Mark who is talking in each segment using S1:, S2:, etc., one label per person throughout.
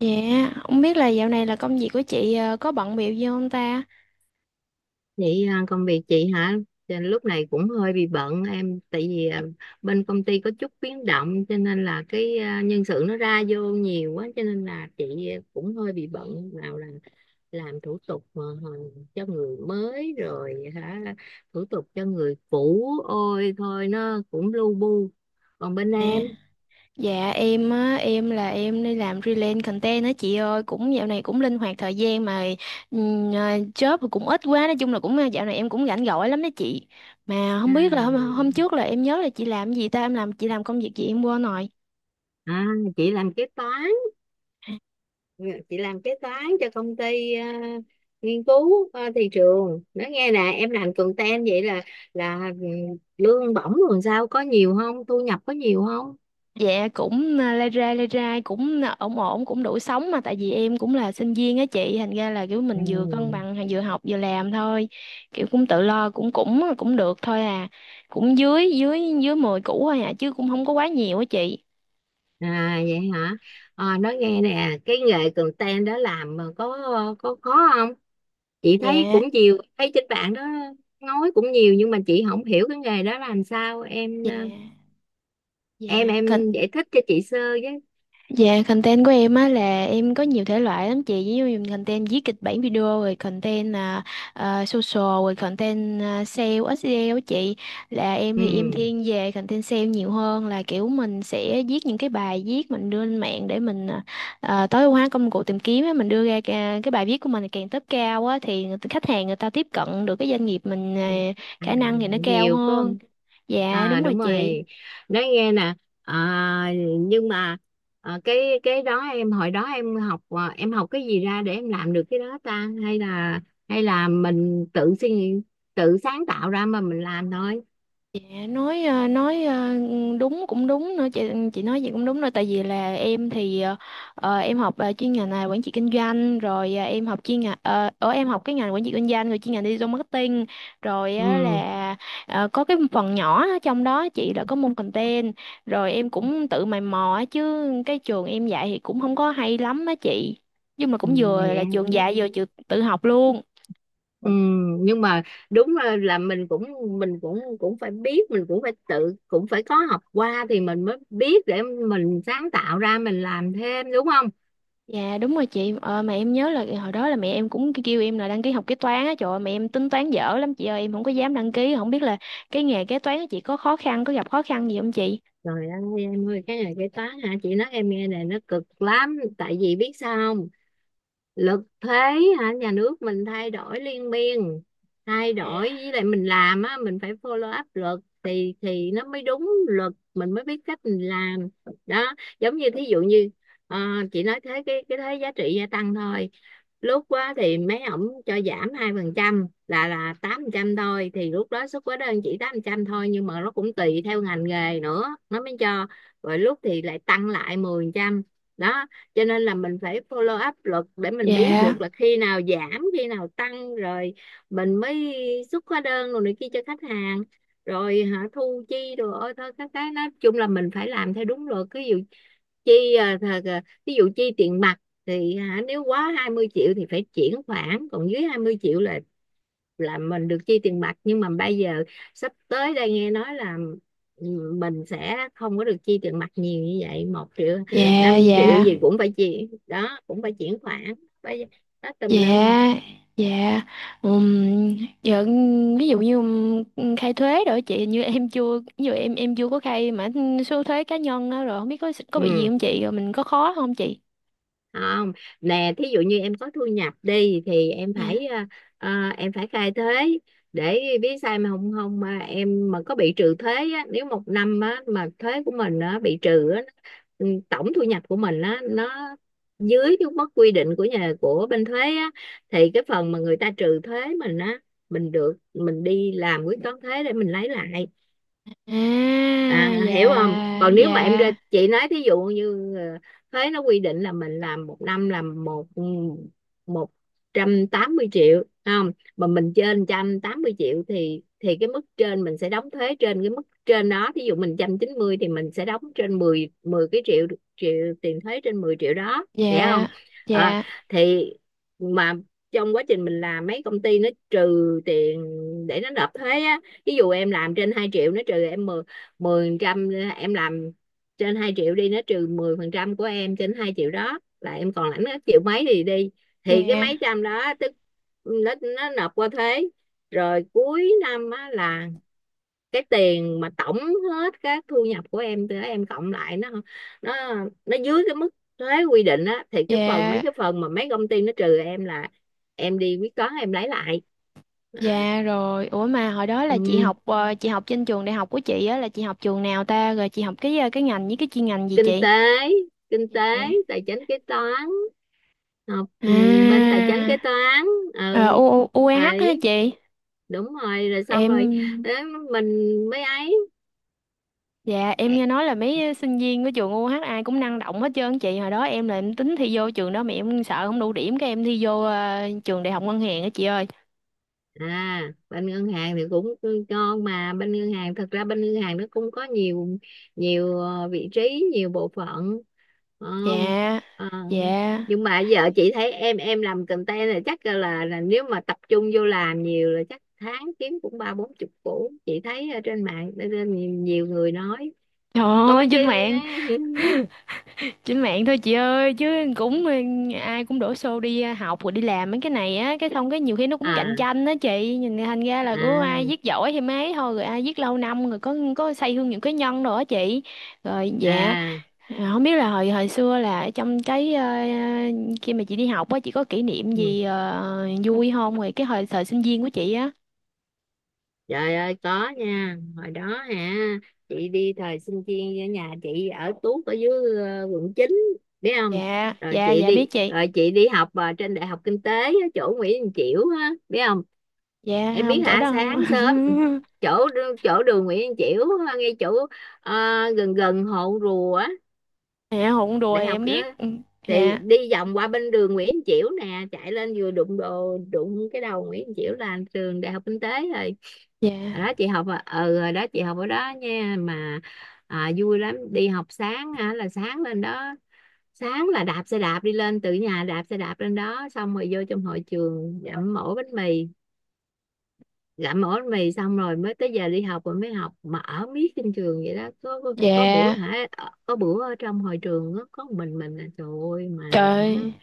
S1: Dạ, không biết là dạo này công việc của chị có bận bịu gì không ta?
S2: Vậy à, công việc chị hả? Cho nên lúc này cũng hơi bị bận em, tại vì bên công ty có chút biến động cho nên là nhân sự nó ra vô nhiều quá cho nên là chị cũng hơi bị bận, nào là làm thủ tục mà cho người mới rồi hả, thủ tục cho người cũ, ôi thôi nó cũng lu bu. Còn bên
S1: À,
S2: em?
S1: dạ em, em là em đi làm freelance content á chị ơi, cũng dạo này cũng linh hoạt thời gian mà job thì cũng ít quá, nói chung là dạo này em cũng rảnh rỗi lắm đó chị. Mà
S2: À,
S1: không biết là hôm trước là em nhớ là chị làm cái gì ta, em làm chị làm công việc gì em quên rồi.
S2: à, chị làm kế toán, chị làm kế toán cho công ty nghiên cứu thị trường. Nói nghe nè, em làm content vậy là lương bổng rồi sao, có nhiều không, thu nhập có nhiều không?
S1: Dạ cũng, lai rai cũng, ổn ổn, cũng đủ sống, mà tại vì em cũng là sinh viên á chị, thành ra là kiểu
S2: Ừ.
S1: mình vừa cân bằng vừa học vừa làm thôi, kiểu cũng tự lo, cũng cũng à, cũng được thôi à, cũng dưới dưới dưới 10 củ thôi à, chứ cũng không có quá nhiều á chị.
S2: À vậy hả? À, nói nghe nè, cái nghề content đó làm mà có khó không? Chị thấy
S1: Dạ
S2: cũng nhiều, thấy trên bạn đó nói cũng nhiều, nhưng mà chị không hiểu cái nghề đó làm sao, em ờ,
S1: dạ
S2: em
S1: dạ.
S2: em giải thích cho chị sơ với.
S1: Dạ, content của em á là em có nhiều thể loại lắm chị, ví dụ như content viết kịch bản video, rồi content social, rồi content sale SEO á chị. Là em thì em
S2: Ừ.
S1: thiên về content sale nhiều hơn, là kiểu mình sẽ viết những cái bài viết mình đưa lên mạng để mình tối ưu hóa công cụ tìm kiếm á, mình đưa ra cái bài viết của mình càng top cao á thì khách hàng người ta tiếp cận được cái doanh nghiệp mình,
S2: À,
S1: khả năng thì nó cao
S2: nhiều phải
S1: hơn.
S2: không?
S1: Dạ,
S2: À
S1: đúng rồi
S2: đúng rồi.
S1: chị.
S2: Nói nghe nè. À, nhưng mà cái đó em hồi đó em học, em học cái gì ra để em làm được cái đó ta, hay là mình tự suy nghĩ, tự sáng tạo ra mà mình làm thôi.
S1: Dạ, nói ờ, nói ờ, đúng cũng đúng nữa chị nói gì cũng đúng nữa, tại vì là em học chuyên ngành là quản trị kinh doanh, rồi ờ, em học chuyên ngành ờ, ở em học cái ngành quản trị kinh doanh rồi chuyên ngành digital marketing rồi á,
S2: Ừ.
S1: là có cái phần nhỏ ở trong đó chị, là có môn content, rồi em cũng tự mày mò á, chứ cái trường em dạy thì cũng không có hay lắm á chị, nhưng mà
S2: Ừ,
S1: cũng vừa
S2: vậy
S1: là
S2: ha.
S1: trường dạy vừa trường tự học luôn.
S2: Ừ, nhưng mà đúng là mình cũng cũng phải biết, mình cũng phải tự, cũng phải có học qua thì mình mới biết để mình sáng tạo ra mình làm thêm, đúng không?
S1: Dạ đúng rồi chị. Ờ, mà em nhớ là hồi đó là mẹ em cũng kêu em là đăng ký học kế toán á, trời ơi, mẹ em tính toán dở lắm chị ơi, em không có dám đăng ký, không biết là cái nghề kế toán của chị có khó khăn, có gặp khó khăn gì không chị?
S2: Trời ơi em ơi, cái này cái toán hả, chị nói em nghe này, nó cực lắm, tại vì biết sao không, lực thuế hả, nhà nước mình thay đổi liên miên, thay đổi với lại mình làm á, mình phải follow up luật thì nó mới đúng luật, mình mới biết cách mình làm đó. Giống như thí dụ như ờ, chị nói thế cái thuế giá trị gia tăng thôi, lúc á thì mấy ổng cho giảm 2%, là 8% thôi, thì lúc đó xuất hóa đơn chỉ 8% thôi, nhưng mà nó cũng tùy theo ngành nghề nữa nó mới cho, rồi lúc thì lại tăng lại 10% đó. Cho nên là mình phải follow up luật để mình biết
S1: Dạ
S2: được là khi nào giảm khi nào tăng, rồi mình mới xuất hóa đơn rồi này kia cho khách hàng, rồi hả thu chi rồi ôi thôi các cái, nói chung là mình phải làm theo đúng luật. Ví dụ chi à, thà- à, ví dụ chi tiền mặt thì hả, nếu quá 20 triệu thì phải chuyển khoản, còn dưới 20 triệu là mình được chi tiền mặt. Nhưng mà bây giờ sắp tới đây nghe nói là mình sẽ không có được chi tiền mặt nhiều như vậy, một triệu
S1: dạ
S2: năm triệu
S1: dạ.
S2: gì cũng phải chi đó cũng phải chuyển khoản, phải đó tùm
S1: Dạ
S2: lum.
S1: dạ dạ. Ừm, dạ, ví dụ như khai thuế rồi chị, hình như em chưa, ví dụ em chưa có khai mà số thuế cá nhân á, rồi không biết có bị gì
S2: Ừ,
S1: không chị, rồi mình có khó không chị?
S2: không. Nè thí dụ như em có thu nhập đi thì em phải
S1: Dạ,
S2: em phải khai thuế để biết, sai mà không, không mà em mà có bị trừ thuế á, nếu một năm á, mà thuế của mình á, bị trừ á, tổng thu nhập của mình á, nó dưới cái mức quy định của nhà, của bên thuế á, thì cái phần mà người ta trừ thuế mình á, mình được mình đi làm quyết toán thuế để mình lấy lại.
S1: à,
S2: À, hiểu không?
S1: dạ
S2: Còn nếu mà em ra,
S1: dạ.
S2: chị nói thí dụ như thuế nó quy định là mình làm một năm làm một 180 triệu phải không, mà mình trên 180 triệu thì cái mức trên mình sẽ đóng thuế trên cái mức trên đó. Thí dụ mình 190 triệu thì mình sẽ đóng trên mười, cái triệu triệu tiền thuế, trên 10 triệu đó, hiểu
S1: Dạ
S2: không? Ờ,
S1: dạ.
S2: thì mà trong quá trình mình làm, mấy công ty nó trừ tiền để nó nộp thuế á. Ví dụ em làm trên 2 triệu nó trừ em mười 10%, em làm trên 2 triệu đi, nó trừ 10% của em trên 2 triệu đó, là em còn lãnh hết triệu mấy thì đi, thì cái mấy
S1: Dạ
S2: trăm đó tức nó nộp qua thuế. Rồi cuối năm á, là cái tiền mà tổng hết các thu nhập của em, từ em cộng lại nó nó nó dưới cái mức thuế quy định á, thì cái phần, mấy
S1: dạ
S2: cái phần mà mấy công ty nó trừ em là em đi quyết toán em lấy lại đó.
S1: dạ. Rồi ủa, mà hồi đó là
S2: Ừ.
S1: chị học trên trường đại học của chị á, là chị học trường nào ta, rồi chị học cái cái ngành với cái chuyên ngành gì
S2: Kinh
S1: chị?
S2: tế, kinh tế
S1: Dạ.
S2: tài chính kế toán, học bên tài chính kế
S1: À,
S2: toán.
S1: ờ,
S2: Ừ
S1: U U- UAH hả
S2: vậy,
S1: chị?
S2: đúng rồi, rồi xong rồi,
S1: Em
S2: để mình mới ấy.
S1: dạ, em nghe nói là mấy sinh viên của trường UAH ai cũng năng động hết trơn chị, hồi đó em là em tính thi vô trường đó mà em sợ không đủ điểm, cái em thi vô trường đại học ngân hàng á chị ơi.
S2: À bên ngân hàng thì cũng ngon mà, bên ngân hàng thật ra bên ngân hàng nó cũng có nhiều, nhiều vị trí, nhiều bộ phận. Ờ,
S1: Dạ
S2: ờ,
S1: dạ.
S2: nhưng mà giờ chị thấy em làm content là chắc là nếu mà tập trung vô làm nhiều là chắc tháng kiếm cũng ba bốn chục củ, chị thấy ở trên mạng, ở trên nhiều, nhiều người nói
S1: Trời
S2: có
S1: ơi,
S2: mấy
S1: trên
S2: cái.
S1: mạng, trên mạng thôi chị ơi, chứ cũng ờ, ai cũng đổ xô đi học rồi đi làm mấy cái này á, cái xong cái nhiều khi nó cũng cạnh
S2: À
S1: tranh đó chị, nhìn thành ra là cứ ai viết
S2: à
S1: giỏi thì mấy thôi, rồi ai viết lâu năm rồi có xây hương những cái nhân đồ á chị, rồi dạ.
S2: à.
S1: À, không biết là hồi hồi xưa là ở trong cái khi mà chị đi học á, chị có kỷ niệm
S2: Ừ.
S1: gì vui không, rồi cái hồi thời sinh viên của chị á?
S2: Trời ơi có nha. Hồi đó hả, chị đi thời sinh viên ở nhà chị ở tuốt ở dưới quận chín, biết không?
S1: Dạ
S2: Rồi
S1: dạ
S2: chị
S1: dạ, biết
S2: đi,
S1: chị.
S2: rồi chị đi học trên Đại học Kinh tế ở chỗ Nguyễn Đình Chiểu á, biết không?
S1: Dạ
S2: Em biết
S1: không, chỗ
S2: hả,
S1: đó không.
S2: sáng sớm ừ, chỗ chỗ đường Nguyễn Đình Chiểu, ngay chỗ ờ, gần gần Hồ Rùa á.
S1: Dạ, hụn đùa
S2: Đại
S1: thì
S2: học
S1: em biết. Ừ,
S2: thì
S1: dạ
S2: đi vòng qua bên đường Nguyễn Chiểu nè, chạy lên vừa đụng đồ đụng cái đầu Nguyễn Chiểu là trường đại học kinh tế rồi. Hồi
S1: dạ
S2: đó chị học ở hồi đó chị học ở đó nha mà, à, vui lắm, đi học sáng hả là sáng lên đó, sáng là đạp xe đạp đi lên, từ nhà đạp xe đạp lên đó, xong rồi vô trong hội trường dặm mổ bánh mì, gặm ổ mì xong rồi mới tới giờ đi học, rồi mới học mà ở miết trên trường vậy đó. Có có bữa
S1: dạ.
S2: hả có bữa ở trong hội trường có mình là trời ơi, mà hả
S1: Trời,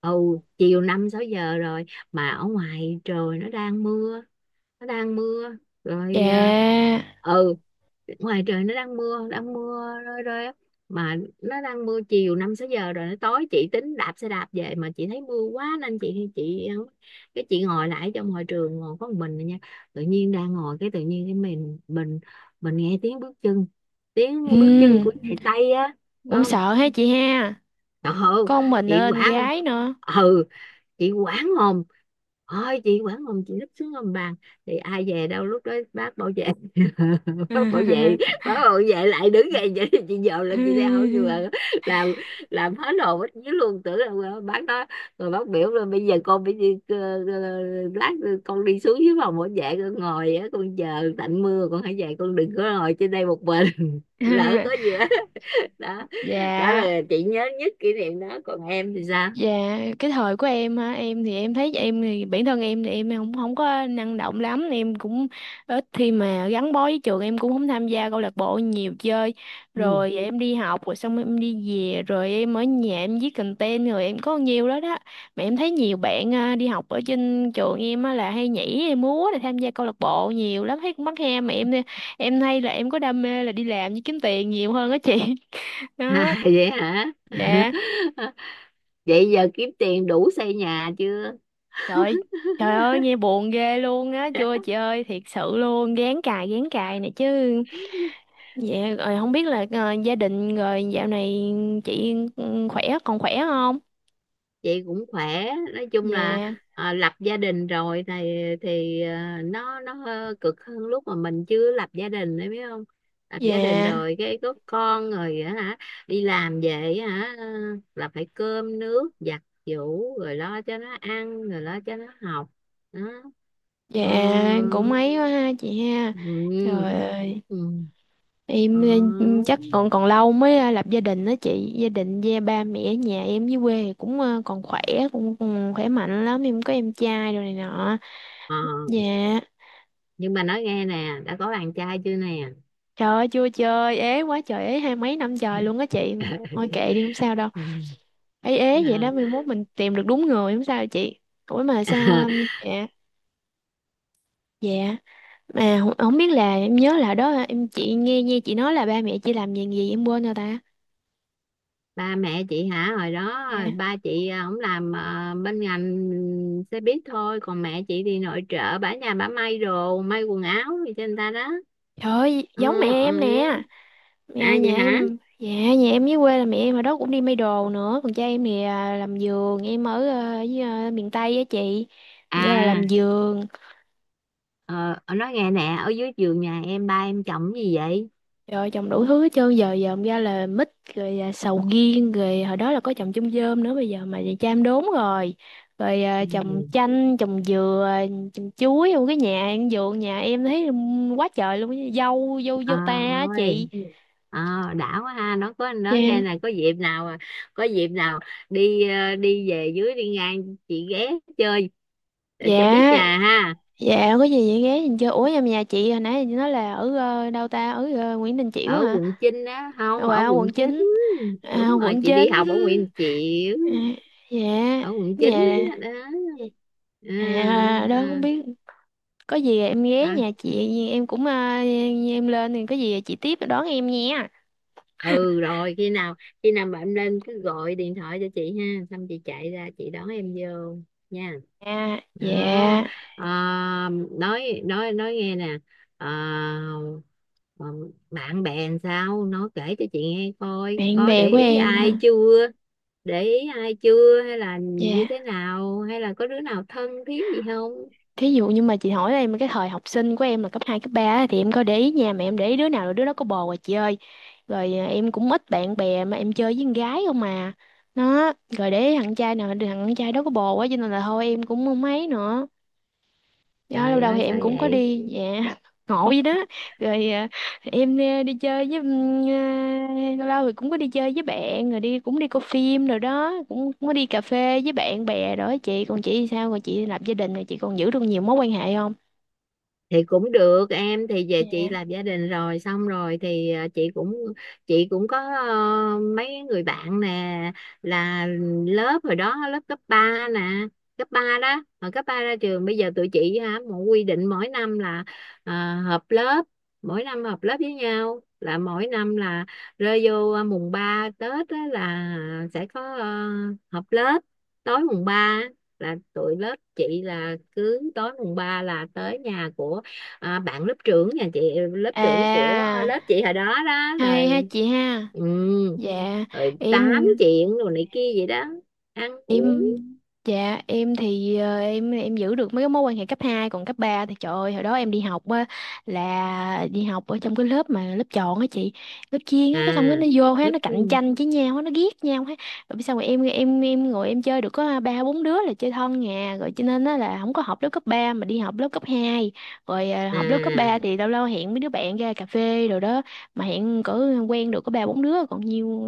S2: ồ chiều năm sáu giờ rồi mà ở ngoài trời nó đang mưa, nó đang mưa rồi
S1: dạ,
S2: ừ ngoài trời nó đang mưa, đang mưa rơi rơi á, mà nó đang mưa, chiều năm sáu giờ rồi nó tối, chị tính đạp xe đạp về mà chị thấy mưa quá nên chị cái chị ngồi lại trong hội trường, ngồi có một mình rồi nha. Tự nhiên đang ngồi cái tự nhiên cái mình mình nghe tiếng bước chân, tiếng bước chân
S1: ừ,
S2: của chạy Tây á.
S1: cũng
S2: Không,
S1: sợ ha chị ha,
S2: trời ơi,
S1: con mình
S2: chị
S1: nên
S2: quả
S1: gái nữa.
S2: ừ, chị quản hồn, ôi chị quản hồn, chị lấp xuống hầm bàn thì ai về đâu, lúc đó bác bảo vệ. Bác bảo vệ, bác bảo vệ lại đứng dậy, vậy thì chị dòm lên chị đeo, nhưng mà làm làm hết hồn hết vía luôn, tưởng là bác đó. Rồi bác biểu là bây giờ con phải đi ờ, lát con đi xuống dưới phòng bảo vệ con ngồi á, con chờ tạnh mưa con hãy về, con đừng có ngồi trên đây một mình. Lỡ có gì đó. Đó, đó
S1: Dạ,
S2: là chị nhớ nhất kỷ niệm đó, còn em thì sao?
S1: dạ, cái thời của em hả, em thì em thấy em thì bản thân em thì em không không có năng động lắm, em cũng ít khi mà gắn bó với trường, em cũng không tham gia câu lạc bộ nhiều chơi,
S2: Ừ.
S1: rồi em đi học rồi xong em đi về, rồi em ở nhà em viết content rồi em có nhiều đó đó. Mà em thấy nhiều bạn đi học ở trên trường em á, là hay nhảy hay múa, là tham gia câu lạc bộ nhiều lắm, thấy cũng mắc he, mà em hay là em có đam mê là đi làm với kiếm tiền nhiều hơn á chị.
S2: À,
S1: Đó.
S2: vậy hả?
S1: Dạ.
S2: Vậy giờ kiếm tiền đủ xây nhà chưa?
S1: Trời, trời ơi nghe buồn ghê luôn á, chưa chị ơi, thiệt sự luôn, gán cài này chứ. Dạ, rồi không biết là gia đình rồi dạo này chị ừ, khỏe, còn khỏe không?
S2: Vậy cũng khỏe. Nói chung là
S1: Dạ
S2: à, lập gia đình rồi thì nó hơi cực hơn lúc mà mình chưa lập gia đình đấy, biết không? Lập gia đình
S1: dạ
S2: rồi cái có con rồi á hả? Đi làm về á hả là phải cơm nước giặt giũ, rồi lo cho nó ăn, rồi lo cho nó học. Đó.
S1: dạ.
S2: Ờ.
S1: Cũng mấy quá ha chị ha,
S2: Ừ.
S1: trời ơi.
S2: Ừ. Ừ. Ờ.
S1: Em ừ, chắc còn còn lâu mới lập gia đình đó chị, gia đình gia ba mẹ ở nhà em với quê thì còn khỏe, cũng khỏe mạnh lắm, em có em trai rồi này nọ.
S2: Ờ.
S1: Dạ.
S2: Nhưng mà nói nghe nè, đã có bạn trai chưa nè.
S1: Trời ơi chưa, chơi ế quá trời ế, hai mấy năm trời luôn á chị. Thôi kệ đi không sao đâu, ế ế vậy
S2: À,
S1: đó, mai mốt mình tìm được đúng người không sao chị. Ủa mà sao dạ, dạ, mà không biết là em nhớ là đó, em chị nghe nghe chị nói là ba mẹ chị làm gì gì em quên rồi ta.
S2: ba mẹ chị hả, hồi đó
S1: Dạ.
S2: ba chị ổng làm bên ngành xe buýt thôi, còn mẹ chị thì nội trợ, bả nhà bả may đồ, may quần áo gì cho người ta đó.
S1: Trời ơi
S2: Ờ,
S1: giống mẹ
S2: ờ.
S1: em nè,
S2: À
S1: nhà,
S2: vậy
S1: nhà
S2: hả?
S1: em, dạ nhà em dưới quê là mẹ em ở đó cũng đi may đồ nữa, còn cha em thì làm giường, em ở miền Tây á chị, nghĩa là làm
S2: À
S1: giường.
S2: ờ, nói nghe nè, ở dưới giường nhà em, ba em chồng gì vậy?
S1: Rồi trồng đủ thứ hết trơn, giờ dòm ra là mít, rồi sầu riêng, rồi hồi đó là có trồng chôm chôm nữa, bây giờ mà về cham đốn rồi, rồi trồng
S2: Ừ.
S1: chanh trồng dừa, trồng chuối, trong cái nhà ăn vườn nhà em thấy quá trời luôn á, dâu dâu
S2: Ờ
S1: dâu ta á chị.
S2: ơi. Ờ đã quá ha, nó có nó nghe
S1: Dạ
S2: là có dịp nào, có dịp nào đi đi về dưới đi ngang chị ghé chơi, để cho biết
S1: dạ
S2: nhà ha.
S1: dạ. Có gì vậy ghé nhìn chơi. Ủa em, nhà chị hồi nãy chị nói là ở đâu ta, ở Nguyễn Đình Chiểu
S2: Ở
S1: hả?
S2: quận Chinh á, không, ở quận
S1: Quận
S2: Chín.
S1: chín,
S2: Đúng rồi,
S1: quận
S2: chị đi
S1: chín.
S2: học ở Nguyễn Chiểu,
S1: À, dạ,
S2: ở quận Chín
S1: nhà
S2: á đó. À,
S1: đó không
S2: à,
S1: biết, có gì em ghé
S2: à.
S1: nhà chị, em lên thì có gì chị tiếp đón em nha.
S2: Ừ rồi khi nào, khi nào mà em lên cứ gọi điện thoại cho chị ha, xong chị chạy ra chị đón em vô nha.
S1: À
S2: Đó.
S1: dạ.
S2: À, nói nghe nè, à, ờ, bạn bè làm sao nó kể cho chị nghe coi,
S1: Bạn
S2: có
S1: bè
S2: để
S1: của
S2: ý
S1: em
S2: ai
S1: ha?
S2: chưa, để ý ai chưa, hay là như thế
S1: Dạ,
S2: nào, hay là có đứa nào thân thiết gì không?
S1: thí dụ như mà chị hỏi em cái thời học sinh của em là cấp 2 cấp 3 á, thì em có để ý nha, mà em để ý đứa nào là đứa đó có bồ rồi chị ơi, em cũng ít bạn bè, mà em chơi với con gái không mà, nó rồi để ý thằng trai nào thằng trai đó có bồ quá, cho nên là thôi em cũng không mấy nữa. Dạ,
S2: Trời
S1: lâu đầu thì
S2: ơi sao
S1: em cũng có
S2: vậy?
S1: đi, dạ ngộ vậy đó. rồi à, em đi chơi với lâu lâu thì cũng có đi chơi với bạn, rồi đi, cũng đi coi phim rồi đó, cũng có đi cà phê với bạn bè rồi đó chị, còn chị thì sao, còn chị lập gia đình rồi chị còn giữ được nhiều mối quan hệ không?
S2: Thì cũng được, em thì về chị
S1: Dạ.
S2: lập gia đình rồi xong rồi thì chị cũng có mấy người bạn nè, là lớp hồi đó lớp cấp 3 nè, cấp 3 đó hồi cấp 3 ra trường bây giờ tụi chị hả một quy định mỗi năm là ờ, họp lớp, mỗi năm họp lớp với nhau, là mỗi năm là rơi vô mùng 3 Tết á, là sẽ có họp lớp tối mùng 3, là tụi lớp chị là cứ tối mùng 3 là tới nhà của bạn lớp trưởng, nhà chị lớp trưởng của
S1: À,
S2: lớp chị hồi đó đó
S1: hay ha
S2: rồi.
S1: chị ha.
S2: Ừ.
S1: Dạ
S2: Rồi tám
S1: em
S2: chuyện rồi này kia vậy đó, ăn uống.
S1: em dạ em thì em giữ được mấy cái mối quan hệ cấp hai, còn cấp 3 thì trời ơi, hồi đó em đi học á là đi học ở trong cái lớp mà lớp chọn á chị, lớp chuyên
S2: À
S1: á, cái xong cái nó vô hết,
S2: lớp
S1: nó cạnh
S2: thiên.
S1: tranh với nhau hết, nó ghét nhau hết. Rồi sao mà em ngồi em chơi được có 3 4 đứa là chơi thân nhà rồi, cho nên á là không có học lớp cấp 3 mà đi học lớp cấp 2, rồi học lớp cấp 3
S2: À.
S1: thì lâu lâu hẹn mấy đứa bạn ra cà phê rồi đó, mà hẹn cỡ quen được có 3 4 đứa, còn nhiều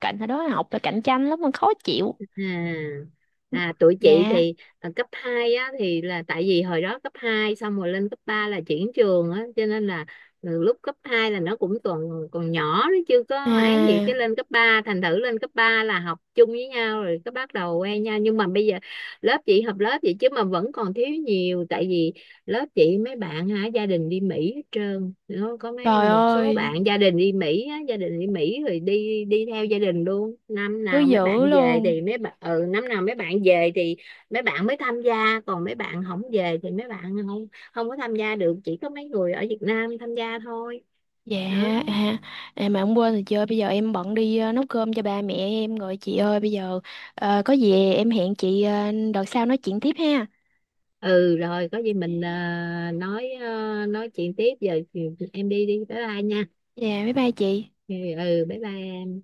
S1: cạnh hồi đó học là cạnh tranh lắm mà khó chịu.
S2: À, à tụi chị
S1: Dạ.
S2: thì à, cấp 2 á thì là tại vì hồi đó cấp 2 xong rồi lên cấp 3 là chuyển trường á, cho nên là từ lúc cấp 2 là nó cũng còn còn nhỏ, nó chưa có ấy gì,
S1: À,
S2: cái lên cấp 3 thành thử lên cấp 3 là học chung với nhau rồi, cái bắt đầu quen nhau. Nhưng mà bây giờ lớp chị học lớp vậy chứ mà vẫn còn thiếu nhiều, tại vì lớp chị mấy bạn hả gia đình đi Mỹ hết trơn. Nó có mấy,
S1: trời
S2: một số
S1: ơi,
S2: bạn gia đình đi Mỹ á, gia đình đi Mỹ rồi đi đi theo gia đình luôn, năm
S1: thứ
S2: nào mấy
S1: dữ
S2: bạn về
S1: luôn.
S2: thì mấy bạn ừ, năm nào mấy bạn về thì mấy bạn mới tham gia, còn mấy bạn không về thì mấy bạn không không có tham gia được, chỉ có mấy người ở Việt Nam tham gia thôi.
S1: Dạ,
S2: Đó.
S1: à, à mà không, quên rồi chị ơi, bây giờ em bận đi nấu cơm cho ba mẹ em rồi chị ơi, bây giờ có gì em hẹn chị đợt sau nói chuyện tiếp ha.
S2: Ừ rồi có gì mình nói chuyện tiếp, giờ thì em đi đi, bye bye nha.
S1: Dạ, bye bye chị.
S2: Ừ ừ, bye bye.